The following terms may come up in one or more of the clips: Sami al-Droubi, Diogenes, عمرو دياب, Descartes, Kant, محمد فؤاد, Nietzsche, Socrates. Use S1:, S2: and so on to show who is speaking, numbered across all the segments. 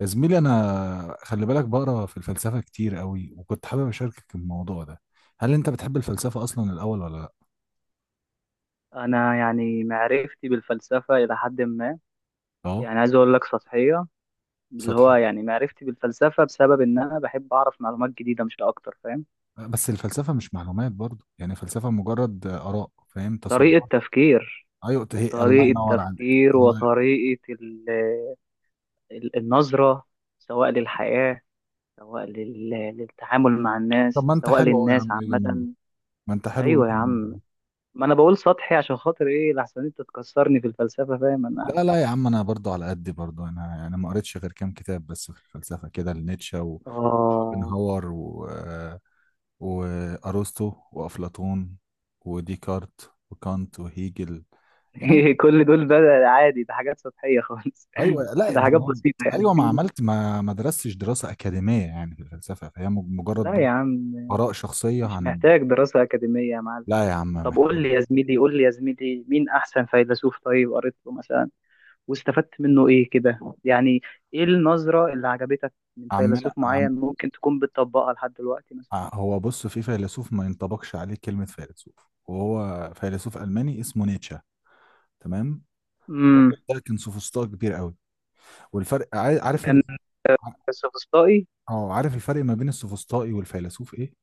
S1: يا زميلي انا خلي بالك بقرا في الفلسفه كتير قوي، وكنت حابب اشاركك الموضوع ده. هل انت بتحب الفلسفه اصلا الاول ولا لا؟
S2: انا يعني معرفتي بالفلسفه الى حد ما.
S1: اه.
S2: يعني عايز اقول لك سطحيه. اللي هو
S1: سطح.
S2: يعني معرفتي بالفلسفه بسبب ان انا بحب اعرف معلومات جديده مش اكتر، فاهم؟
S1: بس الفلسفه مش معلومات برضو، يعني الفلسفه مجرد اراء، فاهم،
S2: طريقه
S1: تصورات.
S2: تفكير.
S1: ايوه هي، الله
S2: طريقه
S1: ينور عليك،
S2: تفكير
S1: الله.
S2: وطريقه النظره، سواء للحياه، سواء للتعامل مع
S1: طب
S2: الناس،
S1: ما انت
S2: سواء
S1: حلو أهو يا
S2: للناس
S1: عم، يجي مني.
S2: عامه.
S1: ما انت حلو يجي
S2: ايوه يا
S1: مني.
S2: عم. ما انا بقول سطحي عشان خاطر ايه؟ لحسن انت تكسرني في الفلسفه، فاهم انا؟
S1: لا لا يا عم، انا برضو على قدي برضو، انا يعني ما قريتش غير كام كتاب بس في الفلسفه كده، لنيتشه
S2: اه.
S1: وشوبنهاور و... وأرسطو وأفلاطون وديكارت وكانت وهيجل. يعني
S2: كل دول بقى عادي؟ ده حاجات سطحية خالص
S1: أيوة لا
S2: ده
S1: ما
S2: حاجات
S1: هو،
S2: بسيطة
S1: أيوة ما
S2: يعني
S1: عملت ما درستش دراسة أكاديمية يعني في الفلسفة، فهي مجرد
S2: لا يا
S1: برضه
S2: عم،
S1: آراء شخصية
S2: مش
S1: عن.
S2: محتاج دراسة أكاديمية يا معلم.
S1: لا يا عم
S2: طب
S1: محتاج.
S2: قول لي يا زميلي، قول لي يا زميلي، مين أحسن فيلسوف طيب قريت له مثلا واستفدت منه إيه كده؟ يعني إيه النظرة اللي عجبتك من
S1: عمنا
S2: فيلسوف
S1: عم،
S2: معين ممكن تكون بتطبقها لحد دلوقتي مثلا؟
S1: هو بص، في فيلسوف ما ينطبقش عليه كلمة فيلسوف، وهو فيلسوف ألماني اسمه نيتشه، تمام. الراجل
S2: امم
S1: ده كان سوفسطائي كبير قوي، والفرق، عارف
S2: كان، السوفسطائي،
S1: اه، عارف الفرق ما بين السوفسطائي والفيلسوف ايه؟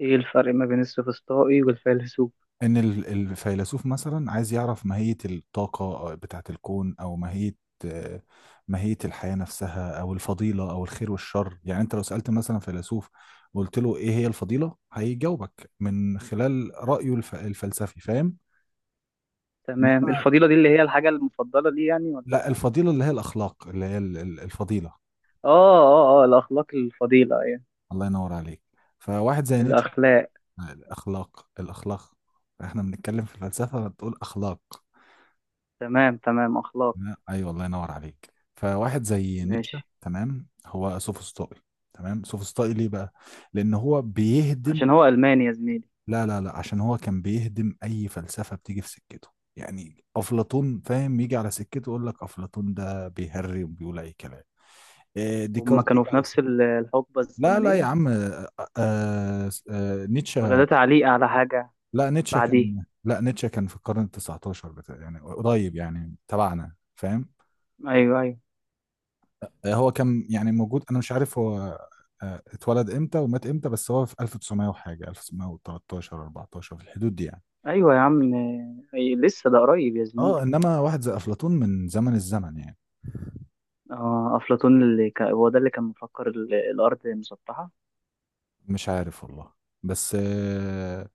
S2: إيه الفرق ما بين السوفسطائي والفيلسوف؟
S1: ان الفيلسوف مثلا عايز يعرف ماهية الطاقة، بتاعة الكون، او ماهية، آه، ماهية الحياة نفسها، او الفضيلة او الخير والشر. يعني انت لو سألت مثلا فيلسوف وقلت له ايه هي الفضيلة، هيجاوبك من خلال رأيه الفلسفي، فاهم.
S2: تمام.
S1: انما
S2: الفضيلة دي اللي هي الحاجة المفضلة لي يعني
S1: لا،
S2: ولا؟
S1: الفضيلة اللي هي الاخلاق، اللي هي الفضيلة.
S2: اه اه، اه الأخلاق، الفضيلة يعني،
S1: الله ينور عليك. فواحد زي نيتشه.
S2: الأخلاق.
S1: الاخلاق الاخلاق، احنا بنتكلم في الفلسفة بتقول اخلاق.
S2: تمام تمام، أخلاق.
S1: لا، ايوه الله ينور عليك. فواحد زي نيتشه،
S2: ماشي.
S1: تمام، هو سوفسطائي. تمام، سوفسطائي ليه بقى؟ لان هو بيهدم.
S2: عشان هو ألماني يا زميلي؟
S1: لا لا لا، عشان هو كان بيهدم اي فلسفه بتيجي في سكته. يعني افلاطون، فاهم، يجي على سكته يقول لك افلاطون ده بيهري وبيقول اي كلام. إيه،
S2: هما
S1: ديكارت يجي
S2: كانوا في
S1: على
S2: نفس
S1: سكته.
S2: الحقبة
S1: لا لا يا
S2: الزمنية،
S1: عم،
S2: ولا ده
S1: نيتشه،
S2: تعليق على حاجة؟ بعديه.
S1: لا، نيتشه كان في القرن ال 19 بتاع، يعني قريب يعني تبعنا، فاهم.
S2: أيوه أيوه.
S1: آه، هو كان يعني موجود، انا مش عارف هو، آه، اتولد امتى ومات امتى، بس هو في 1900 وحاجه، 1913 14 في الحدود دي يعني.
S2: أيوه يا عم. أي لسه ده قريب يا زميلي.
S1: اه انما واحد زي افلاطون من زمن الزمن يعني.
S2: اه، أفلاطون اللي كان، هو ده اللي كان مفكر الأرض مسطحة؟
S1: مش عارف والله، بس،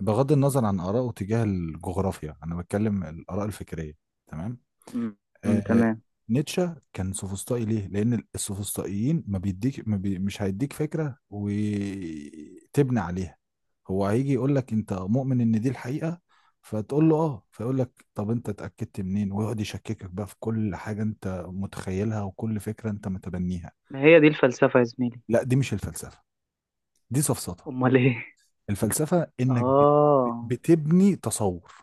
S1: بغض النظر عن آرائه تجاه الجغرافيا، انا بتكلم الآراء الفكريه، تمام.
S2: أمم، أمم،
S1: آه،
S2: تمام.
S1: نيتشه كان سوفسطائي ليه؟ لأن السوفسطائيين ما بيديك، ما بي، مش هيديك فكرة وتبني عليها. هو هيجي يقول لك أنت مؤمن إن دي الحقيقة، فتقول له آه، فيقول لك طب أنت اتأكدت منين؟ ويقعد يشككك بقى في كل حاجة أنت متخيلها وكل فكرة أنت متبنيها.
S2: هي دي الفلسفة يا زميلي؟
S1: لا دي مش الفلسفة، دي سفسطة.
S2: أمال إيه؟
S1: الفلسفة إنك
S2: اه.
S1: بتبني تصور.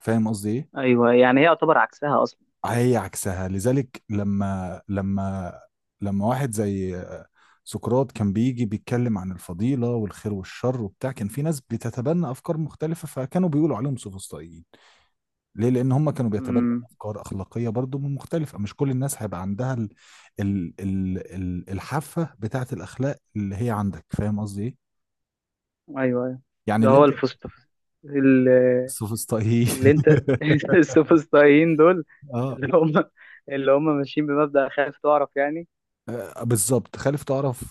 S1: فاهم قصدي إيه؟
S2: أيوه، يعني هي يعتبر عكسها أصلا.
S1: هي عكسها، لذلك لما واحد زي سقراط كان بيجي بيتكلم عن الفضيلة والخير والشر وبتاع، كان في ناس بتتبنى أفكار مختلفة، فكانوا بيقولوا عليهم سوفسطائيين. ليه؟ لأن هم كانوا بيتبنوا
S2: أمم.
S1: أفكار أخلاقية برضو مختلفة، مش كل الناس هيبقى عندها ال الحافة بتاعة الأخلاق اللي هي عندك. فاهم قصدي إيه؟
S2: ايوه ايوه.
S1: يعني
S2: ده
S1: اللي
S2: هو
S1: أنت،
S2: الفسط، اللي,
S1: السوفسطائيين.
S2: اللي انت، السوفسطائيين دول،
S1: اه.
S2: اللي هم، اللي هم ماشيين بمبدأ خايف تعرف يعني.
S1: آه، بالظبط، خالف تعرف،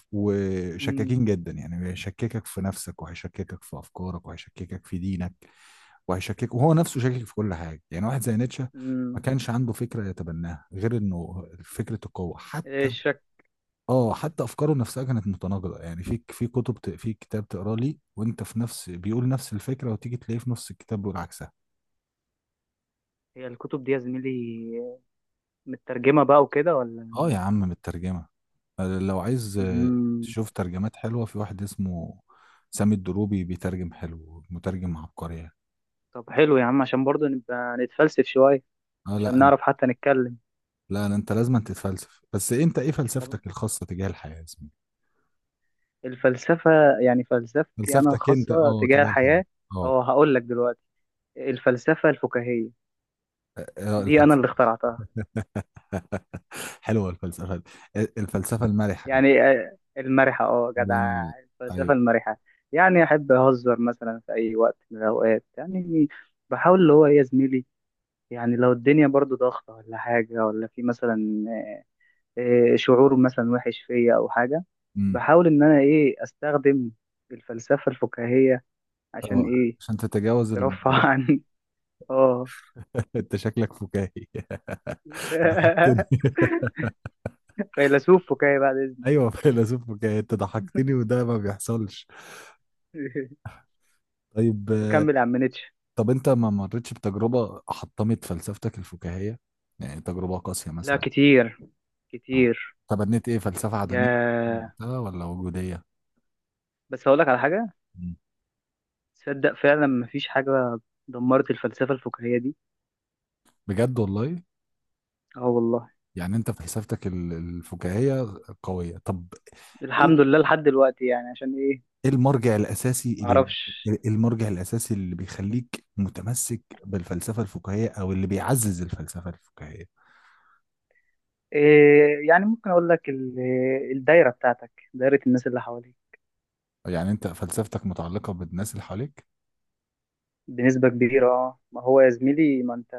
S2: امم
S1: وشكاكين جدا يعني، هيشككك في نفسك، وهيشككك في افكارك، وهيشككك في دينك، وهيشكك، وهو نفسه شاكك في كل حاجه. يعني واحد زي نيتشه ما
S2: امم
S1: كانش عنده فكره يتبناها غير انه فكره القوه.
S2: ايه
S1: حتى،
S2: الشك؟
S1: اه، حتى افكاره نفسها كانت متناقضه. يعني في كتب في كتاب تقرا لي وانت في نفس، بيقول نفس الفكره وتيجي تلاقيه في نفس الكتاب بيقول عكسها.
S2: هي الكتب دي يا زميلي مترجمة بقى وكده
S1: اه
S2: ولا؟
S1: يا عم مترجمة، لو عايز،
S2: امم
S1: تشوف ترجمات حلوة، في واحد اسمه سامي الدروبي بيترجم حلو، مترجم عبقري يعني.
S2: طب حلو يا عم، عشان برضه نبقى نتفلسف شوية،
S1: اه
S2: عشان
S1: لا
S2: نعرف
S1: أنت-
S2: حتى نتكلم.
S1: لا لا، انت لازم تتفلسف، بس انت ايه
S2: طب
S1: فلسفتك الخاصة تجاه الحياة يا زميلي؟
S2: الفلسفة، يعني فلسفتي انا
S1: فلسفتك انت
S2: الخاصة
S1: اه
S2: تجاه
S1: تجاه الحياة.
S2: الحياة؟
S1: اه.
S2: اه، هقول لك دلوقتي. الفلسفة الفكاهية،
S1: آه،
S2: دي انا
S1: الفلسفة.
S2: اللي اخترعتها.
S1: حلوة الفلسفة دي. الفلسفة المرحة يعني.
S2: يعني آه، المرحة، اه
S1: الله
S2: جدع،
S1: ينور.
S2: الفلسفة
S1: ايوه.
S2: المرحة. يعني أحب أهزر مثلا في أي وقت من الأوقات، يعني بحاول اللي هو إيه يا زميلي، يعني لو الدنيا برضو ضغطة ولا حاجة ولا في مثلا آه، شعور مثلا وحش فيا أو حاجة،
S1: امم.
S2: بحاول إن أنا إيه أستخدم الفلسفة الفكاهية، عشان
S1: اه،
S2: إيه،
S1: عشان تتجاوز
S2: ترفع
S1: الموضوع.
S2: عني. اه.
S1: انت شكلك فكاهي، ضحكتني.
S2: فيلسوف فكاهي بعد إذنك.
S1: ايوه فيلسوف فكاهي، انت ضحكتني وده ما بيحصلش. طيب،
S2: طب أكمل يا عم نيتشه.
S1: طب انت ما مرتش بتجربة حطمت فلسفتك الفكاهية؟ يعني تجربة قاسية
S2: لا
S1: مثلا.
S2: كتير،
S1: آه.
S2: كتير.
S1: تبنيت ايه، فلسفة عدمية من
S2: يا
S1: وقتها ولا وجودية؟
S2: بس هقول لك على حاجة،
S1: مم.
S2: تصدق فعلا مفيش حاجة دمرت الفلسفة الفكاهية دي.
S1: بجد والله؟
S2: اه والله.
S1: يعني انت فلسفتك الفكاهية قوية. طب
S2: الحمد
S1: ايه،
S2: لله لحد دلوقتي يعني. عشان ايه؟
S1: ايه المرجع الاساسي
S2: معرفش.
S1: المرجع الاساسي اللي بيخليك متمسك بالفلسفة الفكاهية، او اللي بيعزز الفلسفة الفكاهية؟
S2: إيه؟ يعني ممكن اقول لك الدايرة بتاعتك، دايرة الناس اللي حواليك.
S1: يعني انت فلسفتك متعلقة بالناس اللي حواليك.
S2: بنسبة كبيرة اه. ما هو يا زميلي ما انت،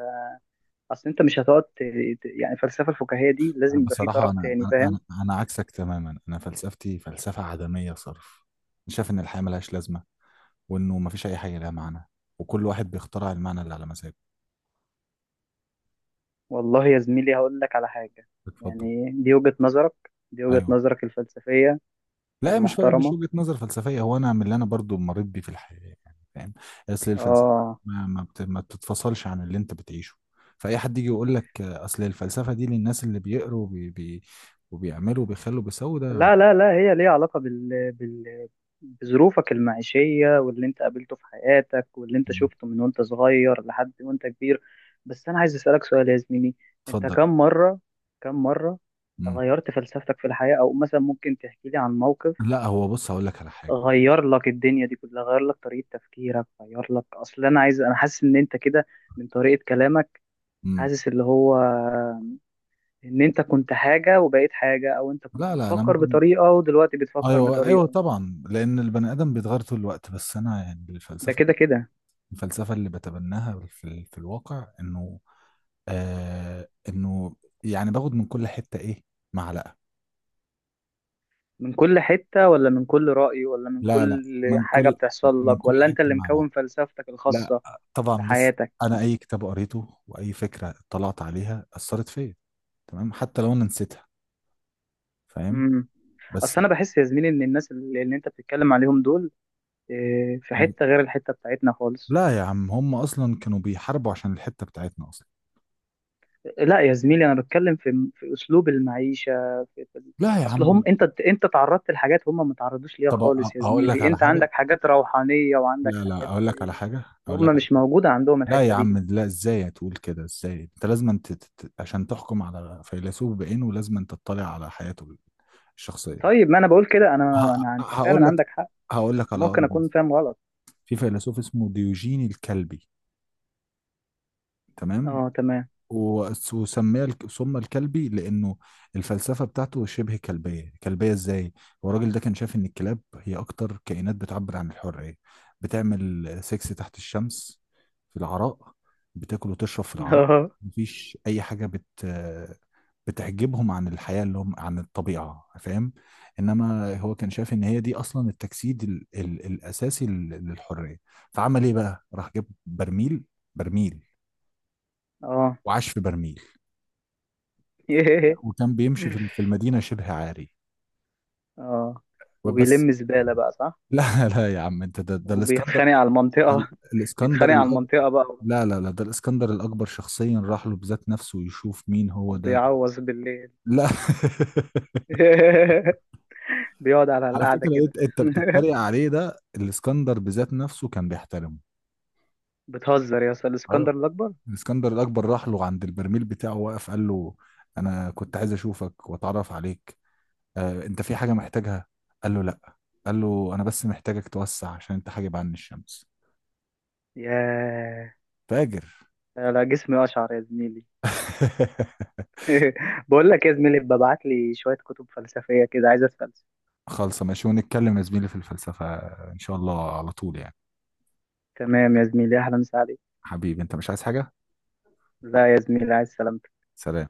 S2: اصل انت مش هتقعد يعني الفلسفة الفكاهية دي لازم يبقى في
S1: بصراحة
S2: طرف
S1: أنا
S2: تاني،
S1: أنا
S2: فاهم؟
S1: أنا أنا عكسك تماما. أنا فلسفتي فلسفة عدمية صرف. أنا شايف إن الحياة ملهاش لازمة، وإنه مفيش أي حاجة لها معنى، وكل واحد بيخترع المعنى اللي على مزاجه.
S2: والله يا زميلي هقول لك على حاجة.
S1: اتفضل.
S2: يعني دي وجهة نظرك، دي وجهة
S1: أيوه.
S2: نظرك الفلسفية
S1: لا هي مش فرق، مش
S2: المحترمة.
S1: وجهة نظر فلسفية، هو أنا من اللي أنا برضو مريت بيه في الحياة، يعني فاهم. أصل الفلسفة
S2: اه.
S1: ما بتتفصلش عن اللي أنت بتعيشه. فأي حد يجي يقول لك، آه، أصل الفلسفة دي للناس اللي بيقروا وبي... بي... وبيعملوا وبيخلوا بيسووا ده.
S2: لا لا لا، هي ليها علاقة بظروفك المعيشية واللي انت قابلته في حياتك واللي انت
S1: مم.
S2: شفته من وانت صغير لحد وانت كبير. بس انا عايز اسألك سؤال يا زميلي، انت
S1: اتفضل.
S2: كم مرة، كم مرة
S1: مم.
S2: غيرت فلسفتك في الحياة؟ او مثلا ممكن تحكي لي عن موقف
S1: لا هو بص، هقول لك على حاجة.
S2: غير لك الدنيا دي كلها، غير لك طريقة تفكيرك، غير لك. اصل انا عايز، انا حاسس ان انت كده من طريقة كلامك،
S1: مم.
S2: حاسس اللي هو ان انت كنت حاجة وبقيت حاجة، او انت كنت
S1: لا لا، انا
S2: بتفكر
S1: ممكن،
S2: بطريقة ودلوقتي بتفكر
S1: ايوه ايوه
S2: بطريقة.
S1: طبعا، لان البني ادم بيتغير طول الوقت. بس انا يعني
S2: ده
S1: الفلسفه،
S2: كده كده.
S1: الفلسفه اللي بتبناها في في الواقع انه، آه انه، يعني باخد من كل حته ايه، معلقه.
S2: من كل حتة ولا من كل رأي ولا من
S1: لا لا،
S2: كل
S1: من
S2: حاجة
S1: كل،
S2: بتحصل
S1: من
S2: لك
S1: كل
S2: ولا انت
S1: حته
S2: اللي
S1: معلقه.
S2: مكون فلسفتك
S1: لا،
S2: الخاصة
S1: طبعا، بص،
S2: بحياتك؟
S1: انا اي كتاب قريته واي فكره اطلعت عليها اثرت فيا، تمام، حتى لو انا نسيتها، فاهم.
S2: امم.
S1: بس
S2: اصل انا بحس يا زميلي ان الناس اللي انت بتتكلم عليهم دول، إيه، في
S1: ما-
S2: حتة غير الحتة بتاعتنا خالص.
S1: لا يا عم، هم اصلا كانوا بيحاربوا عشان الحته بتاعتنا اصلا.
S2: لا يا زميلي، انا بتكلم في في اسلوب المعيشة، في في
S1: لا يا
S2: اصل هم،
S1: عم،
S2: انت انت تعرضت لحاجات هم ما تعرضوش ليها
S1: طب أ-
S2: خالص يا
S1: اقول لك
S2: زميلي.
S1: على
S2: انت
S1: حاجه،
S2: عندك حاجات روحانية وعندك
S1: لا لا
S2: حاجات
S1: اقول لك على حاجه، اقول
S2: هم
S1: لك على
S2: مش
S1: حاجة.
S2: موجودة عندهم،
S1: لا يا
S2: الحتة دي.
S1: عم لا، ازاي تقول كده؟ ازاي؟ انت لازم انت تت... تت- عشان تحكم على فيلسوف بعينه لازم انت تطلع على حياته الشخصيه.
S2: طيب، ما انا بقول كده، انا
S1: ه...
S2: انا، انت
S1: هقول
S2: فعلا
S1: لك،
S2: عندك حق،
S1: هقول لك على
S2: ممكن
S1: اقرب
S2: اكون
S1: مثال.
S2: فاهم غلط.
S1: في فيلسوف اسمه ديوجين الكلبي، تمام.
S2: اه تمام.
S1: وسمي سمى الكلبي لأنه الفلسفة بتاعته شبه كلبية. كلبية إزاي؟ هو الراجل ده كان شايف إن الكلاب هي أكتر كائنات بتعبر عن الحرية، بتعمل سكس تحت الشمس في العراء، بتاكل وتشرب في العراء،
S2: اه.
S1: مفيش أي حاجة بت، بتحجبهم عن الحياة اللي هم، عن الطبيعة، فاهم؟ إنما هو كان شايف إن هي دي أصلا التجسيد الأساسي للحرية. فعمل إيه بقى؟ راح جاب برميل، برميل،
S2: اه
S1: وعاش في برميل،
S2: ياه.
S1: وكان بيمشي في المدينة شبه عاري،
S2: اه،
S1: وبس.
S2: وبيلم زبالة بقى، صح؟
S1: لا لا يا عم، انت ده، ده الاسكندر،
S2: وبيتخانق على
S1: ده ال-
S2: المنطقة
S1: الاسكندر
S2: بيتخانق على
S1: الأكبر.
S2: المنطقة بقى.
S1: لا لا لا، ده الاسكندر الأكبر شخصيا راح له بذات نفسه يشوف مين هو ده.
S2: وبيعوز بالليل.
S1: لا.
S2: بيقعد على
S1: على
S2: القعدة
S1: فكرة،
S2: كده.
S1: انت بتتريق عليه، ده الاسكندر بذات نفسه كان بيحترمه.
S2: بتهزر يا اسطى، الاسكندر
S1: ايوه.
S2: الاكبر.
S1: الاسكندر الأكبر راح له عند البرميل بتاعه، وقف قال له أنا كنت عايز أشوفك وأتعرف عليك، آه، أنت في حاجة محتاجها؟ قال له لا، قال له أنا بس محتاجك توسع عشان أنت حاجب عني الشمس.
S2: ياه.
S1: فاجر.
S2: لا لا، جسمي اشعر يا زميلي. بقول لك يا زميلي، ببعت لي شوية كتب فلسفية كده، عايز اتفلسف.
S1: خالصة، ماشي، ونتكلم يا زميلي في الفلسفة إن شاء الله على طول يعني.
S2: تمام يا زميلي، اهلا وسهلا عليك.
S1: حبيبي أنت مش عايز حاجة؟
S2: لا يا زميلي، عايز سلامتك.
S1: سلام.